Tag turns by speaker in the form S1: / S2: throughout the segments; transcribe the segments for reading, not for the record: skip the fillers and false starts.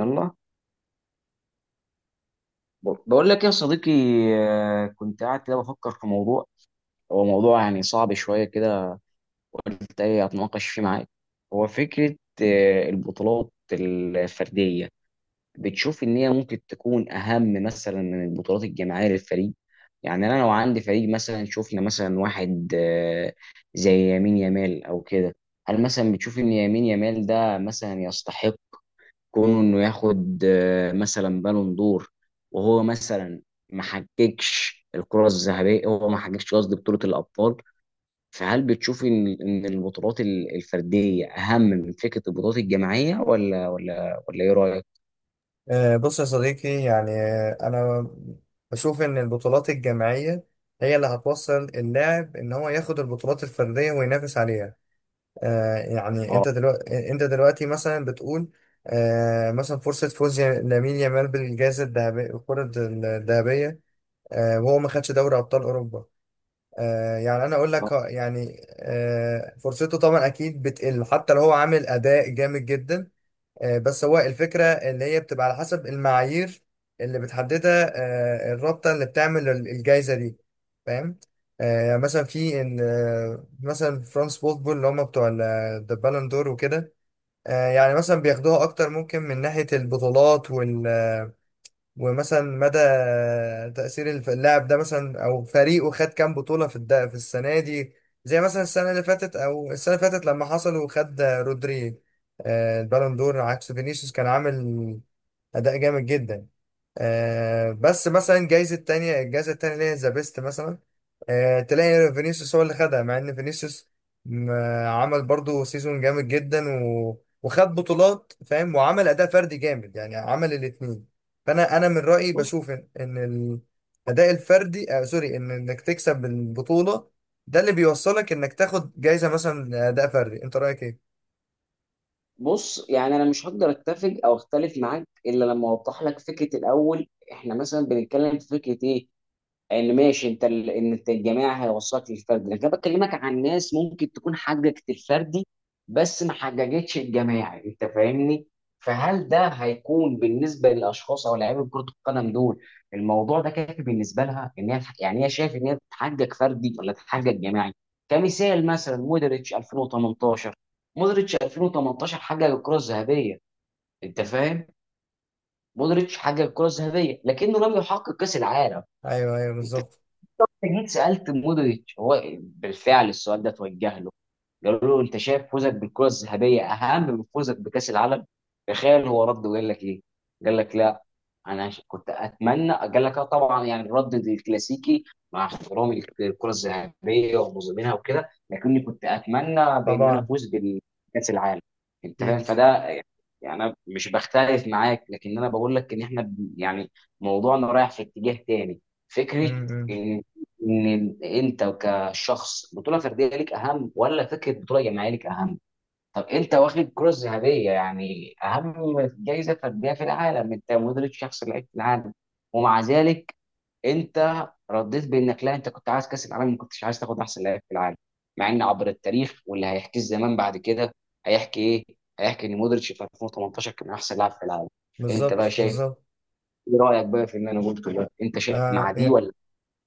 S1: يلا، بقول لك يا صديقي. كنت قاعد كده بفكر في موضوع. هو موضوع يعني صعب شوية كده، قلت ايه اتناقش فيه معاك. هو فكرة البطولات الفردية، بتشوف ان هي ممكن تكون اهم مثلا من البطولات الجماعية للفريق؟ يعني انا لو عندي فريق، مثلا شفنا مثلا واحد زي يمين يمال او كده، هل مثلا بتشوف ان يمين يمال ده مثلا يستحق كونه انه ياخد مثلا بالون دور؟ وهو مثلا ما حققش الكرة الذهبية، هو ما حققش قصدي بطولة الأبطال. فهل بتشوف ان البطولات الفردية أهم من فكرة البطولات الجماعية ولا إيه رأيك؟
S2: بص يا صديقي، يعني أنا بشوف إن البطولات الجماعية هي اللي هتوصل اللاعب إن هو ياخد البطولات الفردية وينافس عليها. يعني
S1: اه.
S2: أنت دلوقتي مثلا بتقول مثلا فرصة فوز لامين يامال بالجائزة الذهبية، الكرة الذهبية، وهو ما خدش دوري أبطال أوروبا. يعني أنا أقول
S1: آه.
S2: لك، فرصته طبعا أكيد بتقل حتى لو هو عامل أداء جامد جدا. بس هو الفكرة اللي هي بتبقى على حسب المعايير اللي بتحددها الرابطة اللي بتعمل الجايزة دي، فاهم؟ مثلا في ال- آه، مثلا فرانس بوتبول اللي هم بتوع البالون دور وكده. يعني مثلا بياخدوها اكتر ممكن من ناحية البطولات، ومثلا مدى تأثير اللاعب ده مثلا أو فريقه خد كام بطولة في السنة دي، زي مثلا السنة اللي فاتت لما حصل وخد رودري. البالون دور، عكس فينيسيوس كان عامل أداء جامد جدا. بس مثلا جايزة تانية، الجايزة التانية اللي هي ذا بيست مثلا، تلاقي فينيسيوس هو اللي خدها، مع ان فينيسيوس م- عمل برضو سيزون جامد جدا وخد بطولات، فاهم، وعمل أداء فردي جامد، يعني عمل الاتنين. فأنا من رأيي
S1: بص
S2: بشوف إن الأداء الفردي، سوري، إنك تكسب البطولة ده اللي بيوصلك إنك تاخد جايزة مثلا أداء فردي. أنت رأيك إيه؟
S1: بص يعني انا مش هقدر اتفق او اختلف معاك الا لما اوضح لك فكره. الاول احنا مثلا بنتكلم في فكره ايه؟ ان ماشي انت ال... ان انت الجماعي هيوصلك للفردي، لكن انا بكلمك عن ناس ممكن تكون حققت الفردي بس ما حققتش الجماعي، انت فاهمني؟ فهل ده هيكون بالنسبه للاشخاص او لاعيبه كره القدم دول الموضوع ده كافي بالنسبه لها، ان هي يعني هي شايف ان هي تحقق فردي ولا تحقق جماعي؟ كمثال مثلا مودريتش 2018، مودريتش 2018 حقق الكره الذهبيه، انت فاهم؟ مودريتش حقق الكره الذهبيه لكنه لم يحقق كاس العالم.
S2: أيوه، أيوه،
S1: انت
S2: بالظبط.
S1: انت جيت سالت مودريتش، هو بالفعل السؤال ده توجه له، قالوا له انت شايف فوزك بالكره الذهبيه اهم من فوزك بكاس العالم؟ تخيل هو رد وقال لك ايه؟ قال لك لا. انا كنت اتمنى، قال لك اه طبعا، يعني الرد الكلاسيكي مع احترامي للكره الذهبيه ومظلمينها وكده، لكني كنت اتمنى بان انا
S2: طبعا.
S1: افوز بكاس العالم. انت فاهم
S2: أكيد.
S1: فده؟ يعني انا مش بختلف معاك، لكن انا بقول لك ان احنا يعني موضوعنا رايح في اتجاه تاني.
S2: م-
S1: فكره
S2: م.
S1: ان انت الشخص بطوله فرديه ليك اهم ولا فكره بطوله جماعيه ليك اهم. طب انت واخد كره ذهبيه، يعني اهم جائزه فرديه في العالم، انت مدرب شخص لعيب في العالم، ومع ذلك انت رديت بانك لا، انت كنت عايز كاس العالم، ما كنتش عايز تاخد احسن لاعب في العالم، مع ان عبر التاريخ واللي هيحكيه الزمان بعد كده، هيحكي ايه؟ هيحكي ان مودريتش في 2018 كان احسن لاعب في العالم. انت بقى
S2: بالظبط،
S1: شايف
S2: بالظبط.
S1: ايه رايك بقى في اللي انا قلته ده؟ انت شايف مع
S2: آه
S1: دي ولا؟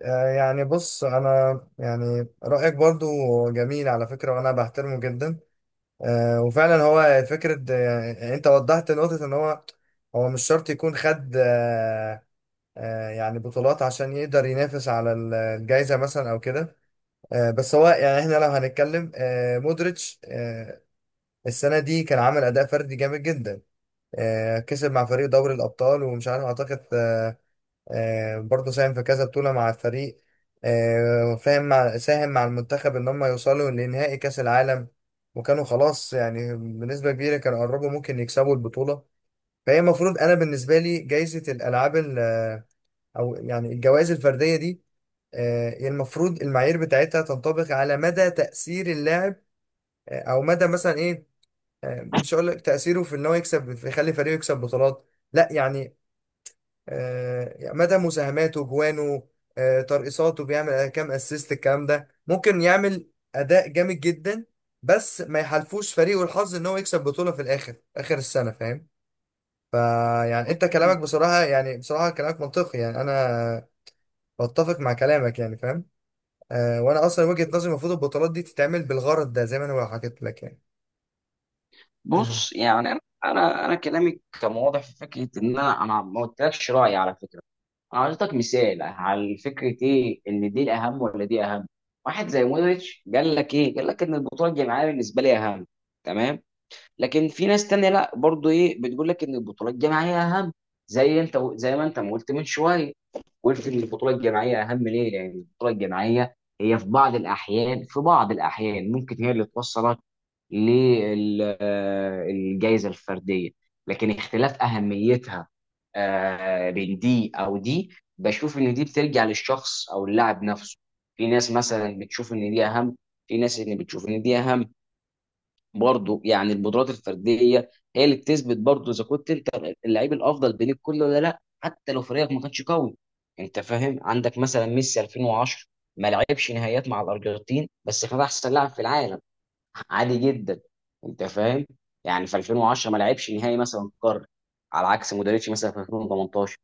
S2: يعني بص انا يعني رايك برضو جميل على فكره، وانا بحترمه جدا. وفعلا هو فكره، يعني انت وضحت نقطه ان هو هو مش شرط يكون خد يعني بطولات عشان يقدر ينافس على الجائزه مثلا او كده. بس هو يعني احنا لو هنتكلم مودريتش، السنه دي كان عامل اداء فردي جامد جدا. كسب مع فريق دوري الابطال، ومش عارف اعتقد برضه ساهم في كذا بطولة مع الفريق. فاهم، مع ساهم مع المنتخب إن هم يوصلوا لنهائي كأس العالم، وكانوا خلاص يعني بنسبة كبيرة كانوا قربوا ممكن يكسبوا البطولة. فهي المفروض، أنا بالنسبة لي جايزة الألعاب أو يعني الجوائز الفردية دي، هي المفروض المعايير بتاعتها تنطبق على مدى تأثير اللاعب، أو مدى مثلا إيه، مش هقول لك تأثيره في إن هو يكسب في يخلي فريقه يكسب بطولات، لا يعني مدى مساهماته جوانه، ترقصاته، بيعمل كام اسيست، الكلام ده ممكن يعمل اداء جامد جدا بس ما يحالفوش فريقه الحظ ان هو يكسب بطولة في الاخر، اخر السنة، فاهم. فيعني انت كلامك بصراحة، يعني بصراحة كلامك منطقي، يعني انا بتفق مع كلامك يعني فاهم. وانا اصلا وجهة نظري المفروض البطولات دي تتعمل بالغرض ده زي ما انا حكيت لك يعني.
S1: بص يعني انا كلامي كان واضح في فكره، ان انا ما قلتلكش رايي على فكره، انا اعطيتك مثال على فكره ايه، ان دي الاهم ولا دي اهم. واحد زي مودريتش قال لك ايه؟ قال لك ان البطوله الجماعيه بالنسبه لي اهم. تمام. لكن في ناس تانية لا، برضو ايه بتقول لك ان البطوله الجماعيه اهم، زي انت، زي ما انت ما قلت من شويه، قلت ان البطوله الجماعيه اهم. ليه؟ لان البطوله الجماعيه هي في بعض الاحيان، في بعض الاحيان، ممكن هي اللي توصلك للجائزه الفرديه. لكن اختلاف اهميتها بين دي او دي، بشوف ان دي بترجع للشخص او اللاعب نفسه. في ناس مثلا بتشوف ان دي اهم، في ناس ان بتشوف ان دي اهم. برضه يعني القدرات الفرديه هي اللي بتثبت برضه اذا كنت انت اللعيب الافضل بين الكل ولا لا، حتى لو فريقك ما كانش قوي. انت فاهم؟ عندك مثلا ميسي 2010 ما لعبش نهائيات مع الارجنتين، بس كان احسن لاعب في العالم عادي جدا. انت فاهم؟ يعني في 2010 ما لعبش نهائي مثلا قارة، على عكس مودريتش مثلا في 2018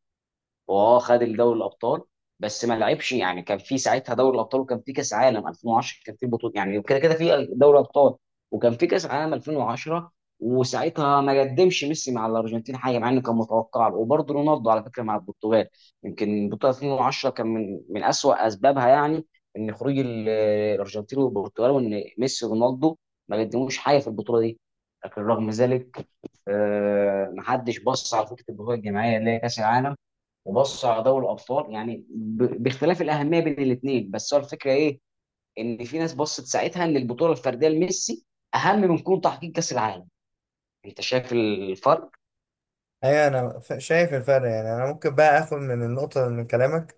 S1: واه خد الدوري الابطال، بس ما لعبش. يعني كان في ساعتها دوري الابطال، وكان في كاس عالم 2010، كان في بطوله يعني كده كده في دوري ابطال، وكان في كاس عالم 2010، وساعتها ما قدمش ميسي مع الارجنتين حاجه مع انه كان متوقع له، وبرضه رونالدو على فكره مع البرتغال. يمكن بطوله 2010 كان من اسوأ اسبابها، يعني ان خروج الارجنتين والبرتغال، وان ميسي ورونالدو ما قدموش حاجه في البطوله دي. لكن رغم ذلك محدش بص على فكره البطوله الجماعيه اللي هي كاس العالم، وبصوا على دوري الابطال، يعني باختلاف الاهميه بين الاثنين. بس هو الفكره ايه، ان في ناس بصت ساعتها ان البطوله الفرديه لميسي اهم من كون تحقيق كاس العالم. انت شايف الفرق؟
S2: ايوه، انا شايف الفرق. يعني انا ممكن بقى اخد من النقطه من كلامك.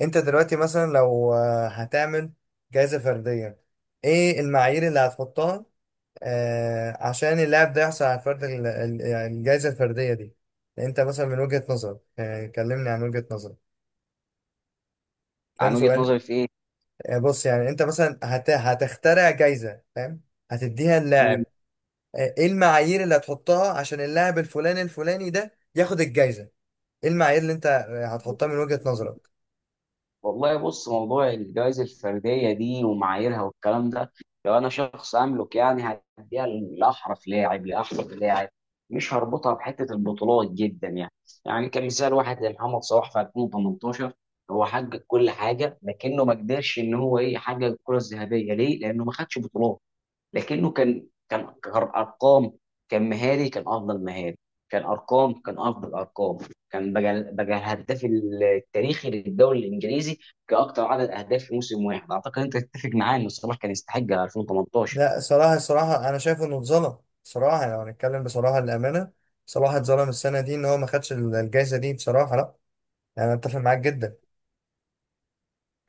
S2: انت دلوقتي مثلا لو هتعمل جائزه فرديه، ايه المعايير اللي هتحطها عشان اللاعب ده يحصل على فرد يعني الجائزه الفرديه دي؟ انت مثلا من وجهه نظرك، كلمني عن وجهه نظرك، فاهم
S1: عن وجهه
S2: سؤال؟
S1: نظري في
S2: بص، يعني انت مثلا هتخترع جائزه، فاهم، هتديها
S1: ايه؟
S2: للاعب. ايه المعايير اللي هتحطها عشان اللاعب الفلاني الفلاني ده ياخد الجائزه؟ ايه المعايير اللي انت هتحطها من وجهة نظرك؟
S1: والله بص موضوع الجوائز الفردية دي ومعاييرها والكلام ده، لو أنا شخص أملك يعني هديها لأحرف لاعب، لأحرف لاعب، مش هربطها بحتة البطولات جدا يعني. يعني كمثال واحد زي محمد صلاح في 2018، هو حقق كل حاجة لكنه ما قدرش إن هو إيه يحقق الكرة الذهبية. ليه؟ لأنه ما خدش بطولات. لكنه كان كارقام، كان مهاري كان افضل مهاري، كان ارقام كان افضل ارقام، كان بقى الهداف التاريخي للدوري الانجليزي كاكثر عدد اهداف في موسم واحد. اعتقد انت تتفق معايا ان صلاح كان يستحق 2018.
S2: لا، صراحة صراحة انا شايف انه اتظلم. صراحة يعني، لو هنتكلم بصراحة للأمانة، صلاح اتظلم السنة دي ان هو ما خدش الجائزة دي، بصراحة. لا يعني انا اتفق معاك جدا.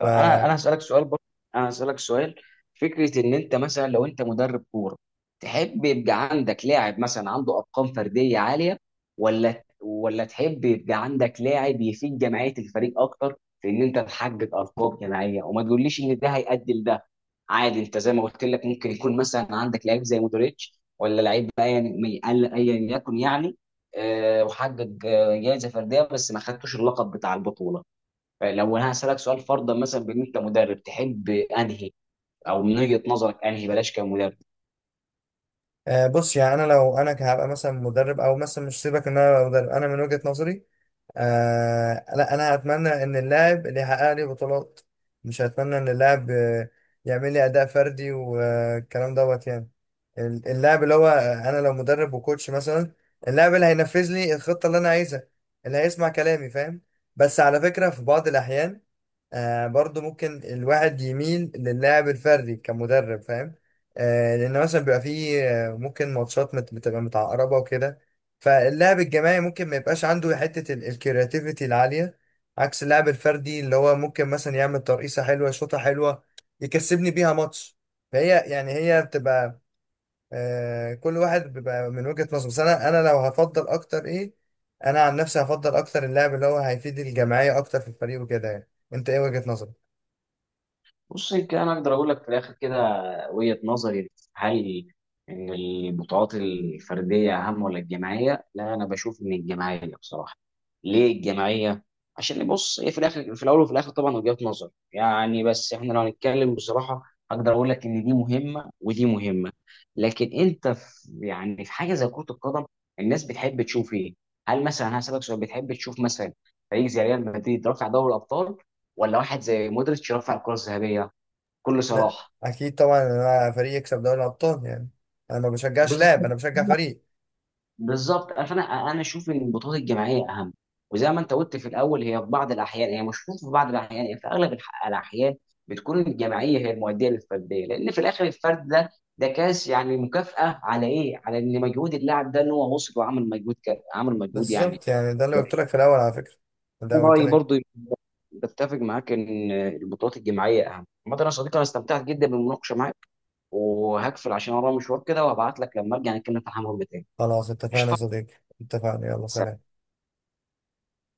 S2: ف
S1: انا هسالك سؤال برضه، انا هسالك سؤال، فكره ان انت مثلا لو انت مدرب كوره، تحب يبقى عندك لاعب مثلا عنده ارقام فرديه عاليه ولا تحب يبقى عندك لاعب يفيد جمعيه الفريق اكتر في ان انت تحقق ارقام جماعيه، وما تقوليش ان ده هيؤدي لده. عادي انت زي ما قلت لك ممكن يكون مثلا عندك لعيب زي مودريتش ولا لعيب ايا ايا يكن يعني، وحقق جائزه فرديه بس ما خدتوش اللقب بتاع البطوله. لو انا هسالك سؤال فرضا مثلا بان انت مدرب، تحب انهي او من وجهه نظرك انهي بلاش كمدرب؟
S2: آه، بص يعني انا لو انا هبقى مثلا مدرب، او مثلا مش سيبك ان انا أبقى مدرب، انا من وجهة نظري لا، انا هتمنى ان اللاعب اللي يحقق لي بطولات، مش هتمنى ان اللاعب يعمل لي اداء فردي والكلام دوت يعني. اللاعب اللي هو، انا لو مدرب وكوتش مثلا، اللاعب اللي هينفذ لي الخطة اللي انا عايزها، اللي هيسمع كلامي، فاهم. بس على فكرة في بعض الاحيان برضو ممكن الواحد يميل للاعب الفردي كمدرب، فاهم. لان مثلا بيبقى فيه ممكن ماتشات بتبقى متعقربة وكده، فاللعب الجماعي ممكن ما يبقاش عنده حتة الكرياتيفيتي العالية عكس اللعب الفردي اللي هو ممكن مثلا يعمل ترقيصة حلوة، شوطة حلوة، يكسبني بيها ماتش. فهي يعني هي بتبقى كل واحد بيبقى من وجهة نظره، بس انا لو هفضل اكتر ايه، انا عن نفسي هفضل اكتر اللعب اللي هو هيفيد الجماعية اكتر في الفريق وكده. يعني انت ايه وجهة نظرك؟
S1: بص يمكن انا اقدر اقول لك في الاخر كده وجهة نظري، هل ان البطولات الفرديه اهم ولا الجماعيه؟ لا انا بشوف ان الجماعيه بصراحه. ليه الجماعيه؟ عشان بص هي في الاخر، في الاول وفي الاخر طبعا وجهة نظر يعني، بس احنا لو هنتكلم بصراحه اقدر اقول لك ان دي مهمه ودي مهمه. لكن انت في يعني في حاجه زي كره القدم، الناس بتحب تشوف ايه؟ هل مثلا هسألك سؤال، بتحب تشوف مثلا فريق زي ريال مدريد رافع دوري الابطال، ولا واحد زي مودريتش رافع الكره الذهبيه؟ بكل
S2: لا
S1: صراحه.
S2: اكيد طبعا انا فريق يكسب دوري الابطال يعني. انا ما بشجعش لاعب،
S1: بالظبط.
S2: انا بشجع فريق.
S1: بالظبط، فانا اشوف ان البطولات الجماعيه اهم. وزي ما انت قلت في الاول، هي في بعض الاحيان، هي مش في بعض الاحيان، هي في اغلب الاحيان بتكون الجماعيه هي المؤديه للفرديه، لان في الاخر الفرد ده كاس يعني مكافاه على ايه؟ على ان مجهود اللاعب ده ان هو وصل وعمل مجهود عمل مجهود يعني.
S2: بالظبط يعني ده اللي
S1: كويس.
S2: قلت لك في الاول، على فكرة ده
S1: أنا
S2: قلت
S1: رايي
S2: لك.
S1: برضو بتفق معاك ان البطولات الجماعيه اهم. عامه يا صديقي انا استمتعت جدا بالمناقشه معاك، وهقفل عشان ورايا مشوار كده، وهبعت لك لما ارجع نتكلم في الحمام تاني.
S2: خلاص اتفقنا يا
S1: قشطه.
S2: صديقي. اتفقنا، يلا
S1: سلام.
S2: سلام.